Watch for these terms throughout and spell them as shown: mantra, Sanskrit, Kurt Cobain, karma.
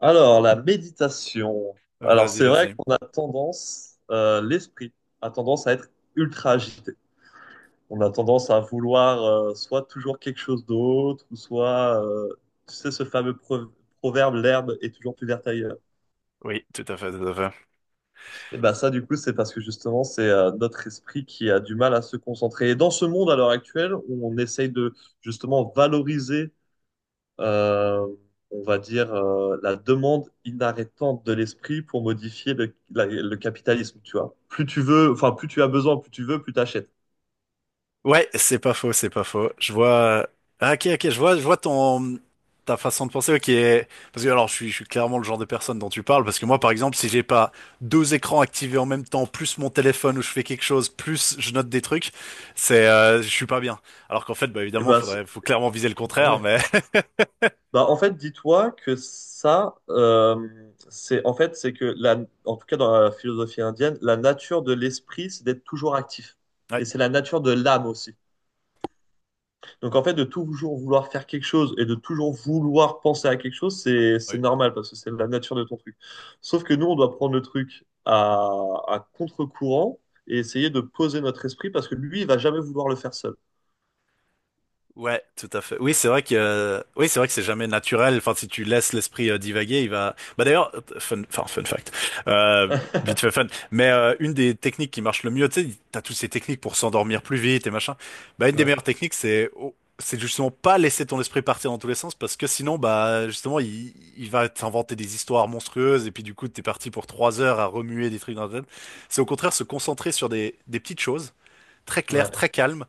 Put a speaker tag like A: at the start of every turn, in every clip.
A: Alors, la méditation. Alors,
B: Vas-y,
A: c'est vrai
B: vas-y.
A: qu'on a tendance, l'esprit a tendance à être ultra agité. On a tendance à vouloir soit toujours quelque chose d'autre, ou soit, tu sais, ce fameux proverbe, l'herbe est toujours plus verte ailleurs.
B: Oui, tout à fait, tout à fait.
A: Et ben ça, du coup, c'est parce que justement, c'est notre esprit qui a du mal à se concentrer. Et dans ce monde, à l'heure actuelle, où on essaye de justement valoriser euh, on va dire, la demande inarrêtante de l'esprit pour modifier le capitalisme, tu vois. Plus tu veux, enfin, plus tu as besoin, plus tu veux, plus tu achètes.
B: Ouais, c'est pas faux, c'est pas faux. Je vois. Ah, ok, ok, je vois ton ta façon de penser. Ok, parce que alors, je suis clairement le genre de personne dont tu parles. Parce que moi, par exemple, si j'ai pas deux écrans activés en même temps, plus mon téléphone où je fais quelque chose, plus je note des trucs, c'est, je suis pas bien. Alors qu'en fait, bah
A: Et
B: évidemment,
A: ben, c'est-
B: faut clairement viser le
A: Bah
B: contraire.
A: ouais.
B: Mais
A: Bah, en fait, dis-toi que ça, c'est que en tout cas dans la philosophie indienne, la nature de l'esprit, c'est d'être toujours actif.
B: ouais,
A: Et c'est la nature de l'âme aussi. Donc en fait, de toujours vouloir faire quelque chose et de toujours vouloir penser à quelque chose, c'est
B: ouais.
A: normal parce que c'est la nature de ton truc. Sauf que nous, on doit prendre à contre-courant et essayer de poser notre esprit parce que lui, il va jamais vouloir le faire seul.
B: Ouais, tout à fait. Oui, c'est vrai que oui, c'est vrai que c'est jamais naturel. Enfin, si tu laisses l'esprit divaguer, il va. Bah d'ailleurs, enfin fun fact, euh, vite fait fun. Mais une des techniques qui marche le mieux, tu sais, t'as toutes ces techniques pour s'endormir plus vite et machin. Bah une des
A: Ouais,
B: meilleures techniques, c'est justement pas laisser ton esprit partir dans tous les sens parce que sinon, bah justement, il va t'inventer des histoires monstrueuses et puis du coup, t'es parti pour 3 heures à remuer des trucs dans la tête. C'est au contraire se concentrer sur des petites choses très claires,
A: ouais.
B: très calmes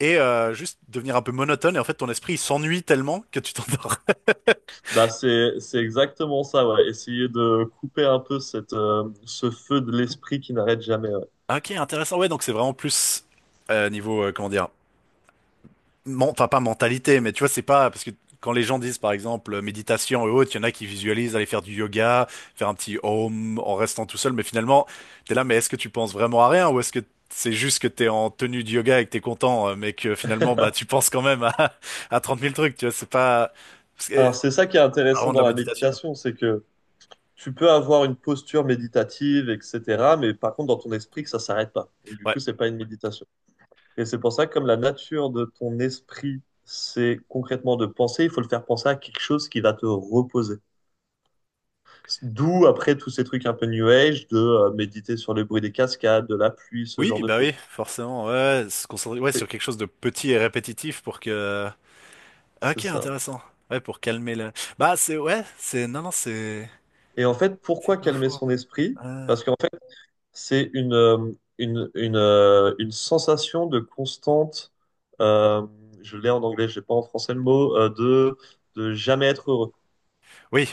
B: et juste devenir un peu monotone et en fait ton esprit il s'ennuie tellement que tu t'endors.
A: Bah c'est exactement ça. Ouais. Essayer de couper un peu cette ce feu de l'esprit qui n'arrête jamais. Ouais.
B: Ok, intéressant. Ouais, donc c'est vraiment plus niveau comment dire, enfin pas mentalité, mais tu vois c'est pas parce que quand les gens disent par exemple méditation et autres, il y en a qui visualisent aller faire du yoga, faire un petit home en restant tout seul, mais finalement t'es là, mais est-ce que tu penses vraiment à rien ou est-ce que c'est juste que t'es en tenue de yoga et que t'es content, mais que finalement bah tu penses quand même à, à 30 000 trucs, tu vois,
A: Alors
B: c'est
A: c'est ça qui est
B: pas
A: intéressant
B: vraiment de
A: dans
B: la
A: la
B: méditation.
A: méditation, c'est que tu peux avoir une posture méditative, etc. Mais par contre, dans ton esprit, que ça s'arrête pas. Donc, du coup,
B: Ouais.
A: c'est pas une méditation. Et c'est pour ça que comme la nature de ton esprit, c'est concrètement de penser, il faut le faire penser à quelque chose qui va te reposer. D'où après tous ces trucs un peu new age de méditer sur le bruit des cascades, de la pluie, ce genre
B: Oui,
A: de
B: bah oui,
A: choses.
B: forcément. Ouais, se concentrer ouais, sur
A: C'est
B: quelque chose de petit et répétitif pour que. Ah,
A: c'est
B: ok,
A: ça.
B: intéressant. Ouais, pour calmer la. Bah c'est ouais, c'est non non
A: Et en fait,
B: c'est
A: pourquoi
B: pas
A: calmer
B: faux.
A: son esprit?
B: Euh,
A: Parce que c'est une sensation de constante, euh, je l'ai en anglais, je n'ai pas en français le mot, de jamais être heureux.
B: Oui,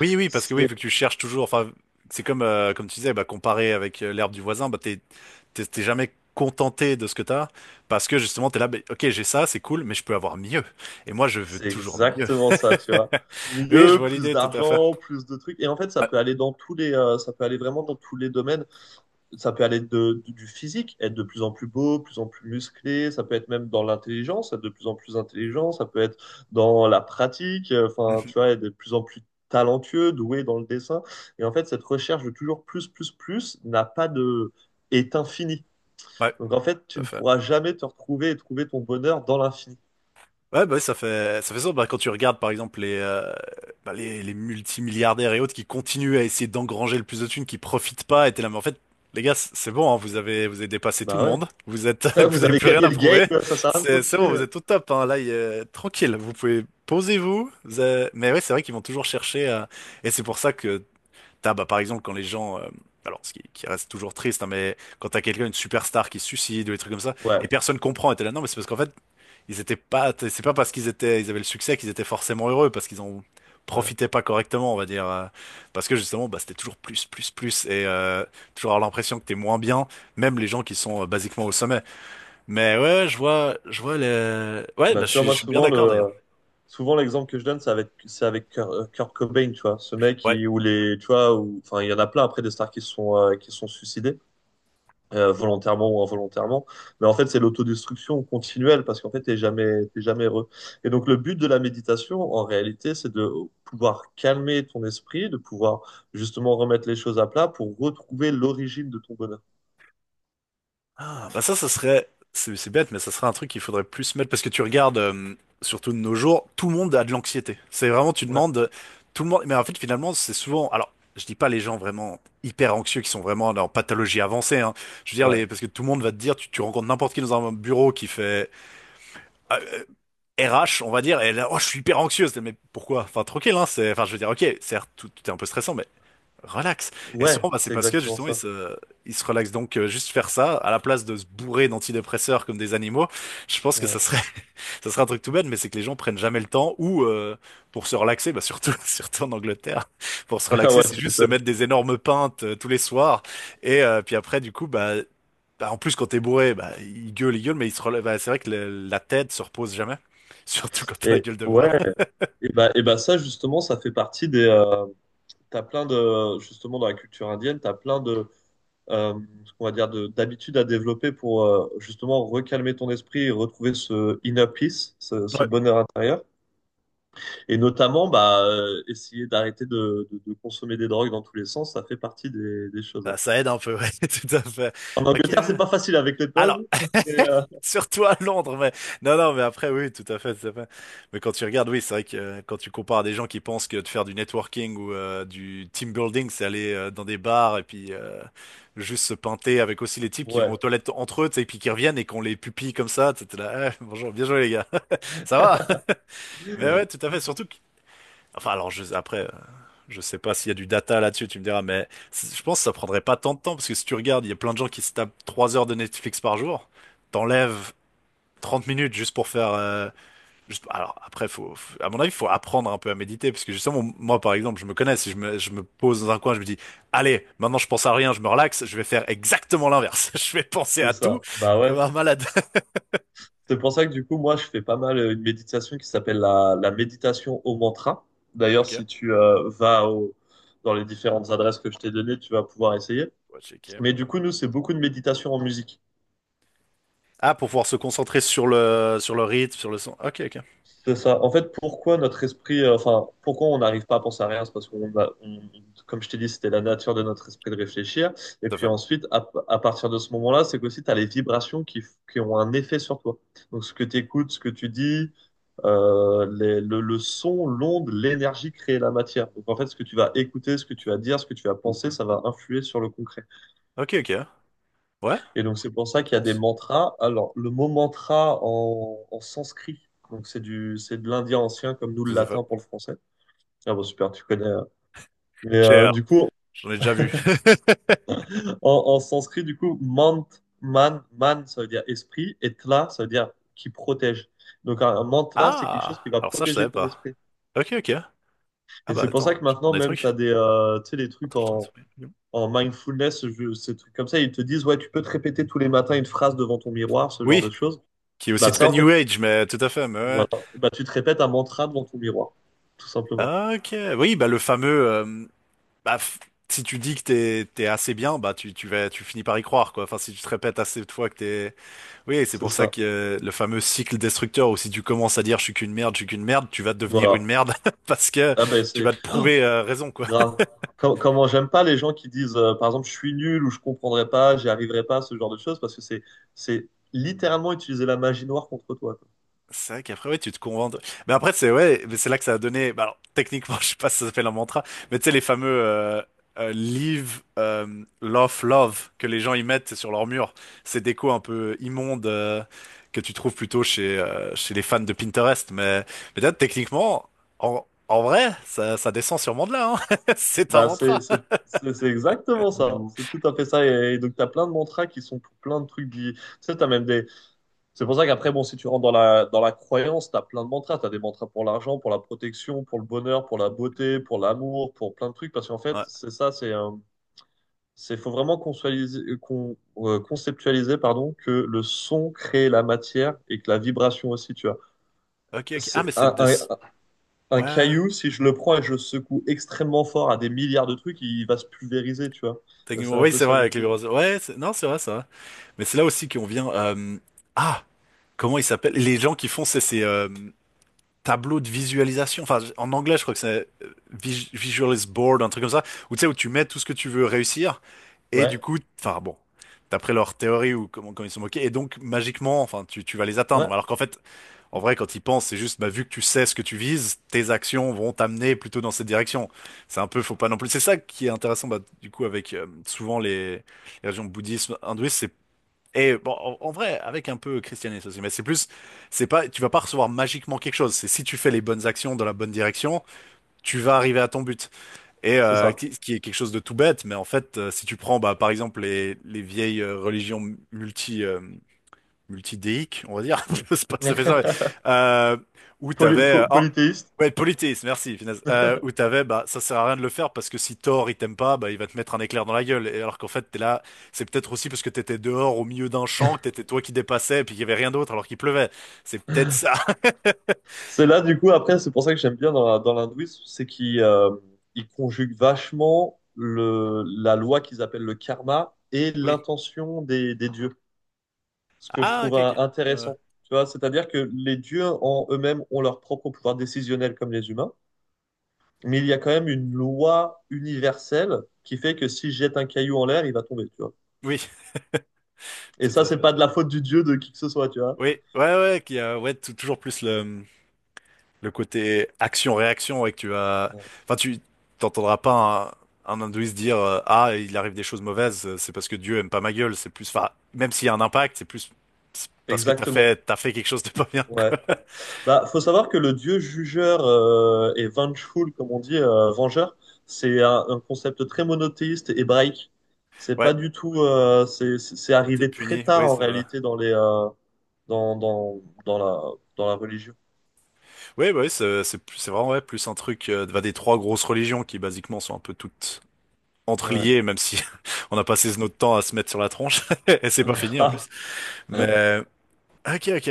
B: oui oui parce que oui
A: C'est,
B: vu que tu cherches toujours. Enfin c'est comme comme tu disais bah comparer avec l'herbe du voisin bah t'es jamais contenté de ce que t'as parce que justement t'es là bah, ok j'ai ça c'est cool mais je peux avoir mieux et moi je veux
A: c'est
B: toujours mieux.
A: exactement ça, tu vois.
B: Oui je
A: Mieux,
B: vois
A: plus
B: l'idée tout à fait.
A: d'argent, plus de trucs. Et en fait, ça
B: Ouais,
A: peut aller dans ça peut aller vraiment dans tous les domaines. Ça peut aller du physique, être de plus en plus beau, de plus en plus musclé, ça peut être même dans l'intelligence, être de plus en plus intelligent, ça peut être dans la pratique, enfin,
B: mhm.
A: tu vois, être de plus en plus talentueux, doué dans le dessin. Et en fait, cette recherche de toujours plus, plus, plus n'a pas de... est infinie.
B: Ouais,
A: Donc en fait,
B: tout
A: tu
B: à
A: ne
B: fait.
A: pourras jamais te retrouver et trouver ton bonheur dans l'infini.
B: Ouais, bah, ouais, ça fait ça. Bah, quand tu regardes, par exemple, bah, les multimilliardaires et autres qui continuent à essayer d'engranger le plus de thunes, qui profitent pas, et t'es là, mais en fait, les gars, c'est bon, hein, vous avez dépassé tout le
A: Bah
B: monde.
A: ouais.
B: Vous êtes,
A: Vous
B: vous avez
A: avez
B: plus rien
A: gagné
B: à
A: le
B: prouver.
A: game, ça sert à rien de
B: C'est bon,
A: continuer.
B: vous êtes au top, hein. Là, tranquille. Vous pouvez, posez-vous. Mais ouais, c'est vrai qu'ils vont toujours chercher, et c'est pour ça que t'as, bah, par exemple, quand les gens, alors, ce qui reste toujours triste, hein, mais quand t'as quelqu'un, une superstar qui se suicide ou des trucs comme ça,
A: Ouais.
B: et personne comprend, et t'es là, non, mais c'est parce qu'en fait, ils étaient pas, c'est pas parce qu'ils étaient, ils avaient le succès qu'ils étaient forcément heureux, parce qu'ils en
A: Ouais.
B: profitaient pas correctement, on va dire, parce que justement, bah, c'était toujours plus, plus, plus, et toujours avoir l'impression que t'es moins bien, même les gens qui sont basiquement au sommet. Mais ouais, je vois les, ouais,
A: Bah,
B: bah,
A: tu vois,
B: je
A: moi,
B: suis bien d'accord d'ailleurs.
A: souvent, l'exemple que je donne, c'est avec Kurt Cobain, tu vois. Ce mec,
B: Ouais,
A: qui- où les, tu vois, où, enfin, il y en a plein après des stars qui se sont suicidés, volontairement ou involontairement. Mais en fait, c'est l'autodestruction continuelle parce qu'en fait, t'es jamais heureux. Et donc, le but de la méditation, en réalité, c'est de pouvoir calmer ton esprit, de pouvoir justement remettre les choses à plat pour retrouver l'origine de ton bonheur.
B: ah, bah ça, c'est bête, mais ça serait un truc qu'il faudrait plus mettre parce que tu regardes, surtout de nos jours, tout le monde a de l'anxiété. C'est vraiment, tu
A: Ouais,
B: demandes, tout le monde, mais en fait, finalement, c'est souvent, alors, je dis pas les gens vraiment hyper anxieux qui sont vraiment en pathologie avancée, hein. Je veux dire,
A: ouais,
B: les, parce que tout le monde va te dire, tu rencontres n'importe qui dans un bureau qui fait, euh, euh, RH, on va dire, et là, oh, je suis hyper anxieuse. Mais pourquoi? Enfin, tranquille, hein, c'est, enfin, je veux dire, ok, certes, tout est un peu stressant, mais relax. Et souvent,
A: ouais,
B: bah, c'est
A: c'est
B: parce que
A: exactement
B: justement,
A: ça.
B: ils se relaxent. Donc, juste faire ça, à la place de se bourrer d'antidépresseurs comme des animaux, je pense que
A: Ouais,
B: ça serait un truc tout bête, mais c'est que les gens prennent jamais le temps ou pour se relaxer, bah, surtout, surtout en Angleterre, pour se relaxer,
A: ouais,
B: c'est
A: tu
B: juste se
A: m'étonnes.
B: mettre des énormes pintes tous les soirs. Et puis après, du coup, bah, bah, en plus, quand t'es bourré, bah, ils gueulent, mais ils se relèvent. Bah, c'est vrai que la tête se repose jamais, surtout quand t'as la
A: Et
B: gueule de bois.
A: ouais, et bah ça justement, ça fait partie des. T'as plein de justement dans la culture indienne, t'as plein de ce qu'on va dire de d'habitudes à développer pour justement recalmer ton esprit et retrouver ce inner peace, ce
B: Ouais.
A: bonheur intérieur. Et notamment, essayer d'arrêter de consommer des drogues dans tous les sens, ça fait partie des choses.
B: Bah, ça aide un peu, ouais, tout à fait.
A: En
B: Ok,
A: Angleterre,
B: ouais.
A: c'est pas facile avec les
B: Alors,
A: pubs, mais
B: surtout à Londres, mais non, non, mais après, oui, tout à fait, tout à fait. Mais quand tu regardes, oui, c'est vrai que quand tu compares à des gens qui pensent que de faire du networking ou du team building, c'est aller dans des bars et puis juste se pinter avec aussi les types qui
A: ouais,
B: vont aux toilettes entre eux, tu sais, et puis qui reviennent et qu'on les pupille comme ça, tu sais, t'es là, eh, bonjour, bien joué les gars, ça va? Mais ouais, tout à fait, surtout que... Enfin, alors, après, je sais pas s'il y a du data là-dessus, tu me diras, mais je pense que ça prendrait pas tant de temps, parce que si tu regardes, il y a plein de gens qui se tapent 3 heures de Netflix par jour, t'enlèves 30 minutes juste pour faire, juste- Alors après, faut- à mon avis, il faut apprendre un peu à méditer parce que justement, moi par exemple, je me connais. Si je me pose dans un coin, je me dis, allez, maintenant je pense à rien, je me relaxe, je vais faire exactement l'inverse. Je vais penser
A: c'est
B: à tout
A: ça. Bah ouais.
B: comme un malade.
A: C'est pour ça que du coup, moi, je fais pas mal une méditation qui s'appelle la méditation au mantra. D'ailleurs,
B: Ok,
A: si tu dans les différentes adresses que je t'ai données, tu vas pouvoir essayer.
B: on va checker.
A: Mais du coup, nous, c'est beaucoup de méditation en musique.
B: Ah, pour pouvoir se concentrer sur sur le rythme, sur le son. Ok, ok,
A: C'est ça. En fait, enfin, pourquoi on n'arrive pas à penser à rien, c'est parce comme je t'ai dit, c'était la nature de notre esprit de réfléchir. Et
B: tout à
A: puis
B: fait.
A: ensuite, à partir de ce moment-là, c'est qu'aussi, tu as les vibrations qui ont un effet sur toi. Donc, ce que tu écoutes, ce que tu dis, le son, l'onde, l'énergie crée la matière. Donc en fait, ce que tu vas écouter, ce que tu vas dire, ce que tu vas penser, ça va influer sur le concret.
B: Ok, ok. Ouais,
A: Et donc c'est pour ça
B: je
A: qu'il y a des
B: pense.
A: mantras. Alors le mot mantra en sanskrit, donc c'est de l'indien ancien comme nous le
B: Tout à fait.
A: latin pour le français. Ah bon super, tu connais. Mais
B: Cher,
A: du coup,
B: j'en ai déjà vu.
A: en, en sanskrit, du coup, man, ça veut dire esprit, et tla, ça veut dire qui protège. Donc un mantra, c'est quelque chose qui
B: Ah,
A: va
B: alors ça, je
A: protéger
B: savais
A: ton
B: pas.
A: esprit.
B: Ok, ok. Ah
A: Et
B: bah
A: c'est pour ça
B: attends,
A: que
B: je prends
A: maintenant,
B: des
A: même, tu
B: trucs.
A: as tu sais, des trucs
B: Partage ton esprit.
A: en mindfulness, ces trucs comme ça, ils te disent, ouais, tu peux te répéter tous les matins une phrase devant ton miroir, ce genre
B: Oui,
A: de choses.
B: qui est aussi
A: Bah ça,
B: très
A: en
B: New
A: fait, tu,
B: Age, mais tout à fait. Mais ouais.
A: voilà. Bah, tu te répètes un mantra devant ton miroir, tout simplement.
B: Ah, ok. Oui, bah le fameux. Bah, si tu dis que t'es assez bien, bah tu vas tu finis par y croire quoi. Enfin, si tu te répètes assez de fois que t'es. Oui, c'est
A: C'est
B: pour ça
A: ça.
B: que le fameux cycle destructeur où si tu commences à dire je suis qu'une merde, je suis qu'une merde, tu vas devenir une
A: Voilà.
B: merde parce que
A: Ah ben
B: tu vas
A: c'est
B: te
A: Oh,
B: prouver raison quoi.
A: grave. Comment j'aime pas les gens qui disent, par exemple, je suis nul ou je comprendrai pas, j'y arriverai pas, ce genre de choses, parce que c'est littéralement utiliser la magie noire contre toi. Quoi.
B: C'est vrai qu'après, ouais, tu te convaincs. De- Mais après, c'est ouais, mais c'est là que ça a donné. Bah, alors, techniquement, je sais pas si ça s'appelle un mantra, mais tu sais, les fameux Leave Love Love que les gens y mettent sur leur mur. Ces décos un peu immondes que tu trouves plutôt chez, chez les fans de Pinterest. Mais là, techniquement, en vrai, ça descend sûrement de là, hein. C'est un
A: Bah
B: mantra.
A: c'est exactement ça. C'est tout à fait ça. Et donc t'as plein de mantras qui sont pour plein de trucs. Tu sais, t'as même des... C'est pour ça qu'après, bon, si tu rentres dans dans la croyance, tu as plein de mantras. Tu as des mantras pour l'argent, pour la protection, pour le bonheur, pour la beauté, pour l'amour, pour plein de trucs. Parce qu'en fait,
B: Ouais.
A: c'est ça, c'est un- c'est faut vraiment conceptualiser, conceptualiser pardon, que le son crée la matière et que la vibration aussi, tu vois.
B: Ok, ok. Ah,
A: C'est
B: mais c'est de. Ce-
A: un
B: Ouais, ouais.
A: caillou, si je le prends et je secoue extrêmement fort à des milliards de trucs, il va se pulvériser, tu vois. C'est
B: Techniquement,
A: un
B: oui,
A: peu
B: c'est
A: ça
B: vrai, avec les
A: l'idée.
B: roses. Ouais, c'est- non, c'est vrai, ça. Mais c'est là aussi qu'on vient. Ah! Comment ils s'appellent? Les gens qui font ces tableaux de visualisation. Enfin, en anglais, je crois que c'est Visualis Board, un truc comme ça. Où tu sais, où tu mets tout ce que tu veux réussir. Et
A: Ouais,
B: du coup, enfin bon, d'après leur théorie ou comment ils sont moqués. Et donc, magiquement, enfin, tu vas les
A: ouais,
B: atteindre. Alors qu'en fait, en vrai, quand ils pensent, c'est juste, bah, vu que tu sais ce que tu vises, tes actions vont t'amener plutôt dans cette direction. C'est un peu, faut pas non plus. C'est ça qui est intéressant, bah, du coup, avec souvent les religions bouddhistes, hindouistes, et bon, en vrai, avec un peu christianisme aussi, mais c'est plus, c'est pas, tu vas pas recevoir magiquement quelque chose. C'est si tu fais les bonnes actions dans la bonne direction, tu vas arriver à ton but. Et
A: c'est ça.
B: ce qui est quelque chose de tout bête, mais en fait, si tu prends, bah, par exemple, les vieilles religions multi, euh, multidéique, on va dire. Je sais pas si ça fait ça, mais, euh, où t'avais, oh,
A: Polythéiste.
B: ouais, politisme, merci, finesse. Où t'avais, bah, ça sert à rien de le faire parce que si Thor, il t'aime pas, bah, il va te mettre un éclair dans la gueule. Et alors qu'en fait, t'es là, c'est peut-être aussi parce que t'étais dehors au milieu d'un champ, que t'étais toi qui dépassais, puis qu'il y avait rien d'autre alors qu'il pleuvait. C'est peut-être ça.
A: C'est là, du coup, après, c'est pour ça que j'aime bien dans l'hindouisme, c'est qu'ils ils conjuguent vachement la loi qu'ils appellent le karma et
B: Oui.
A: l'intention des dieux, ce que je
B: Ah,
A: trouve
B: ok, ok. Euh,
A: intéressant. Tu vois, c'est-à-dire que les dieux en eux-mêmes ont leur propre pouvoir décisionnel comme les humains, mais il y a quand même une loi universelle qui fait que si je jette un caillou en l'air, il va tomber, tu vois.
B: oui,
A: Et
B: tout
A: ça,
B: à
A: c'est
B: fait,
A: pas
B: tout
A: de
B: à
A: la
B: fait.
A: faute du dieu de qui que ce soit, tu vois.
B: Oui, ouais, ouais, qui a, ouais, toujours plus le côté action-réaction et que tu vas,
A: Ouais.
B: enfin, tu t'entendras pas un hindouiste dire ah il arrive des choses mauvaises, c'est parce que Dieu aime pas ma gueule. C'est plus, enfin, même s'il y a un impact, c'est plus c'est parce que
A: Exactement.
B: t'as fait quelque chose de pas bien
A: Ouais.
B: quoi.
A: Bah, faut savoir que le dieu jugeur et vengeful, comme on dit, vengeur, c'est un concept très monothéiste et hébraïque. C'est pas
B: Ouais.
A: du tout, c'est
B: Ou t'es
A: arrivé très
B: puni,
A: tard
B: oui,
A: en
B: c'est vrai.
A: réalité dans les dans la religion.
B: Oui, bah oui, c'est plus- c'est vraiment ouais, plus un truc bah, des trois grosses religions qui basiquement sont un peu toutes
A: Ouais,
B: entreliées, même si on a passé notre temps à se mettre sur la tronche et c'est pas fini en
A: grave.
B: plus. Mais ok, ok.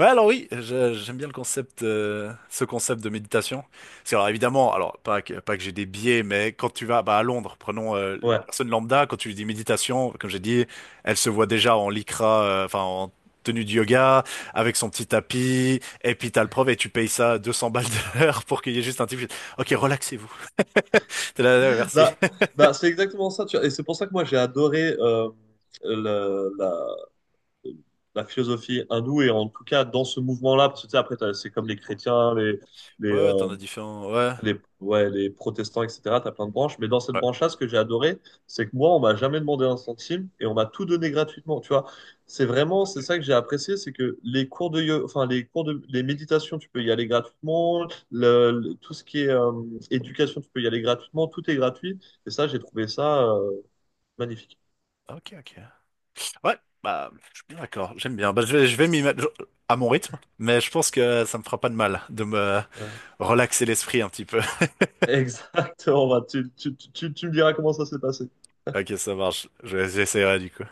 B: Ouais, alors oui, j'aime bien le concept, ce concept de méditation. Parce que, alors évidemment, pas que, pas que j'ai des biais, mais quand tu vas bah, à Londres, prenons
A: Ouais.
B: personne lambda, quand tu lui dis méditation, comme j'ai dit, elle se voit déjà en lycra, enfin en tenue de yoga, avec son petit tapis, et puis t'as le prof et tu payes ça 200 balles de l'heure pour qu'il y ait juste un type. Ok, relaxez-vous. T'es là, ouais, merci.
A: Bah bah c'est exactement ça. Tu vois. Et c'est pour ça que moi j'ai adoré la la philosophie hindoue et en tout cas dans ce mouvement-là, parce que tu sais, c'est comme les chrétiens, les
B: Ouais, ouais, t'en
A: euh,
B: as différents. Ouais.
A: ouais, les protestants, etc. T'as plein de branches. Mais dans cette
B: Ouais.
A: branche-là, ce que j'ai adoré, c'est que moi, on m'a jamais demandé un centime et on m'a tout donné gratuitement. Tu vois, c'est vraiment, c'est ça que j'ai apprécié, c'est que les cours enfin, les cours les méditations, tu peux y aller gratuitement. Tout ce qui est éducation, tu peux y aller gratuitement. Tout est gratuit. Et ça, j'ai trouvé ça magnifique.
B: Ok, ok. Ouais, bah, je suis bien d'accord, j'aime bien. Bah, je vais m'y mettre à mon rythme, mais je pense que ça me fera pas de mal de me
A: Ouais.
B: relaxer l'esprit un petit peu.
A: Exactement. Bah, tu me diras comment ça s'est passé.
B: Ok, ça marche, j'essaierai du coup.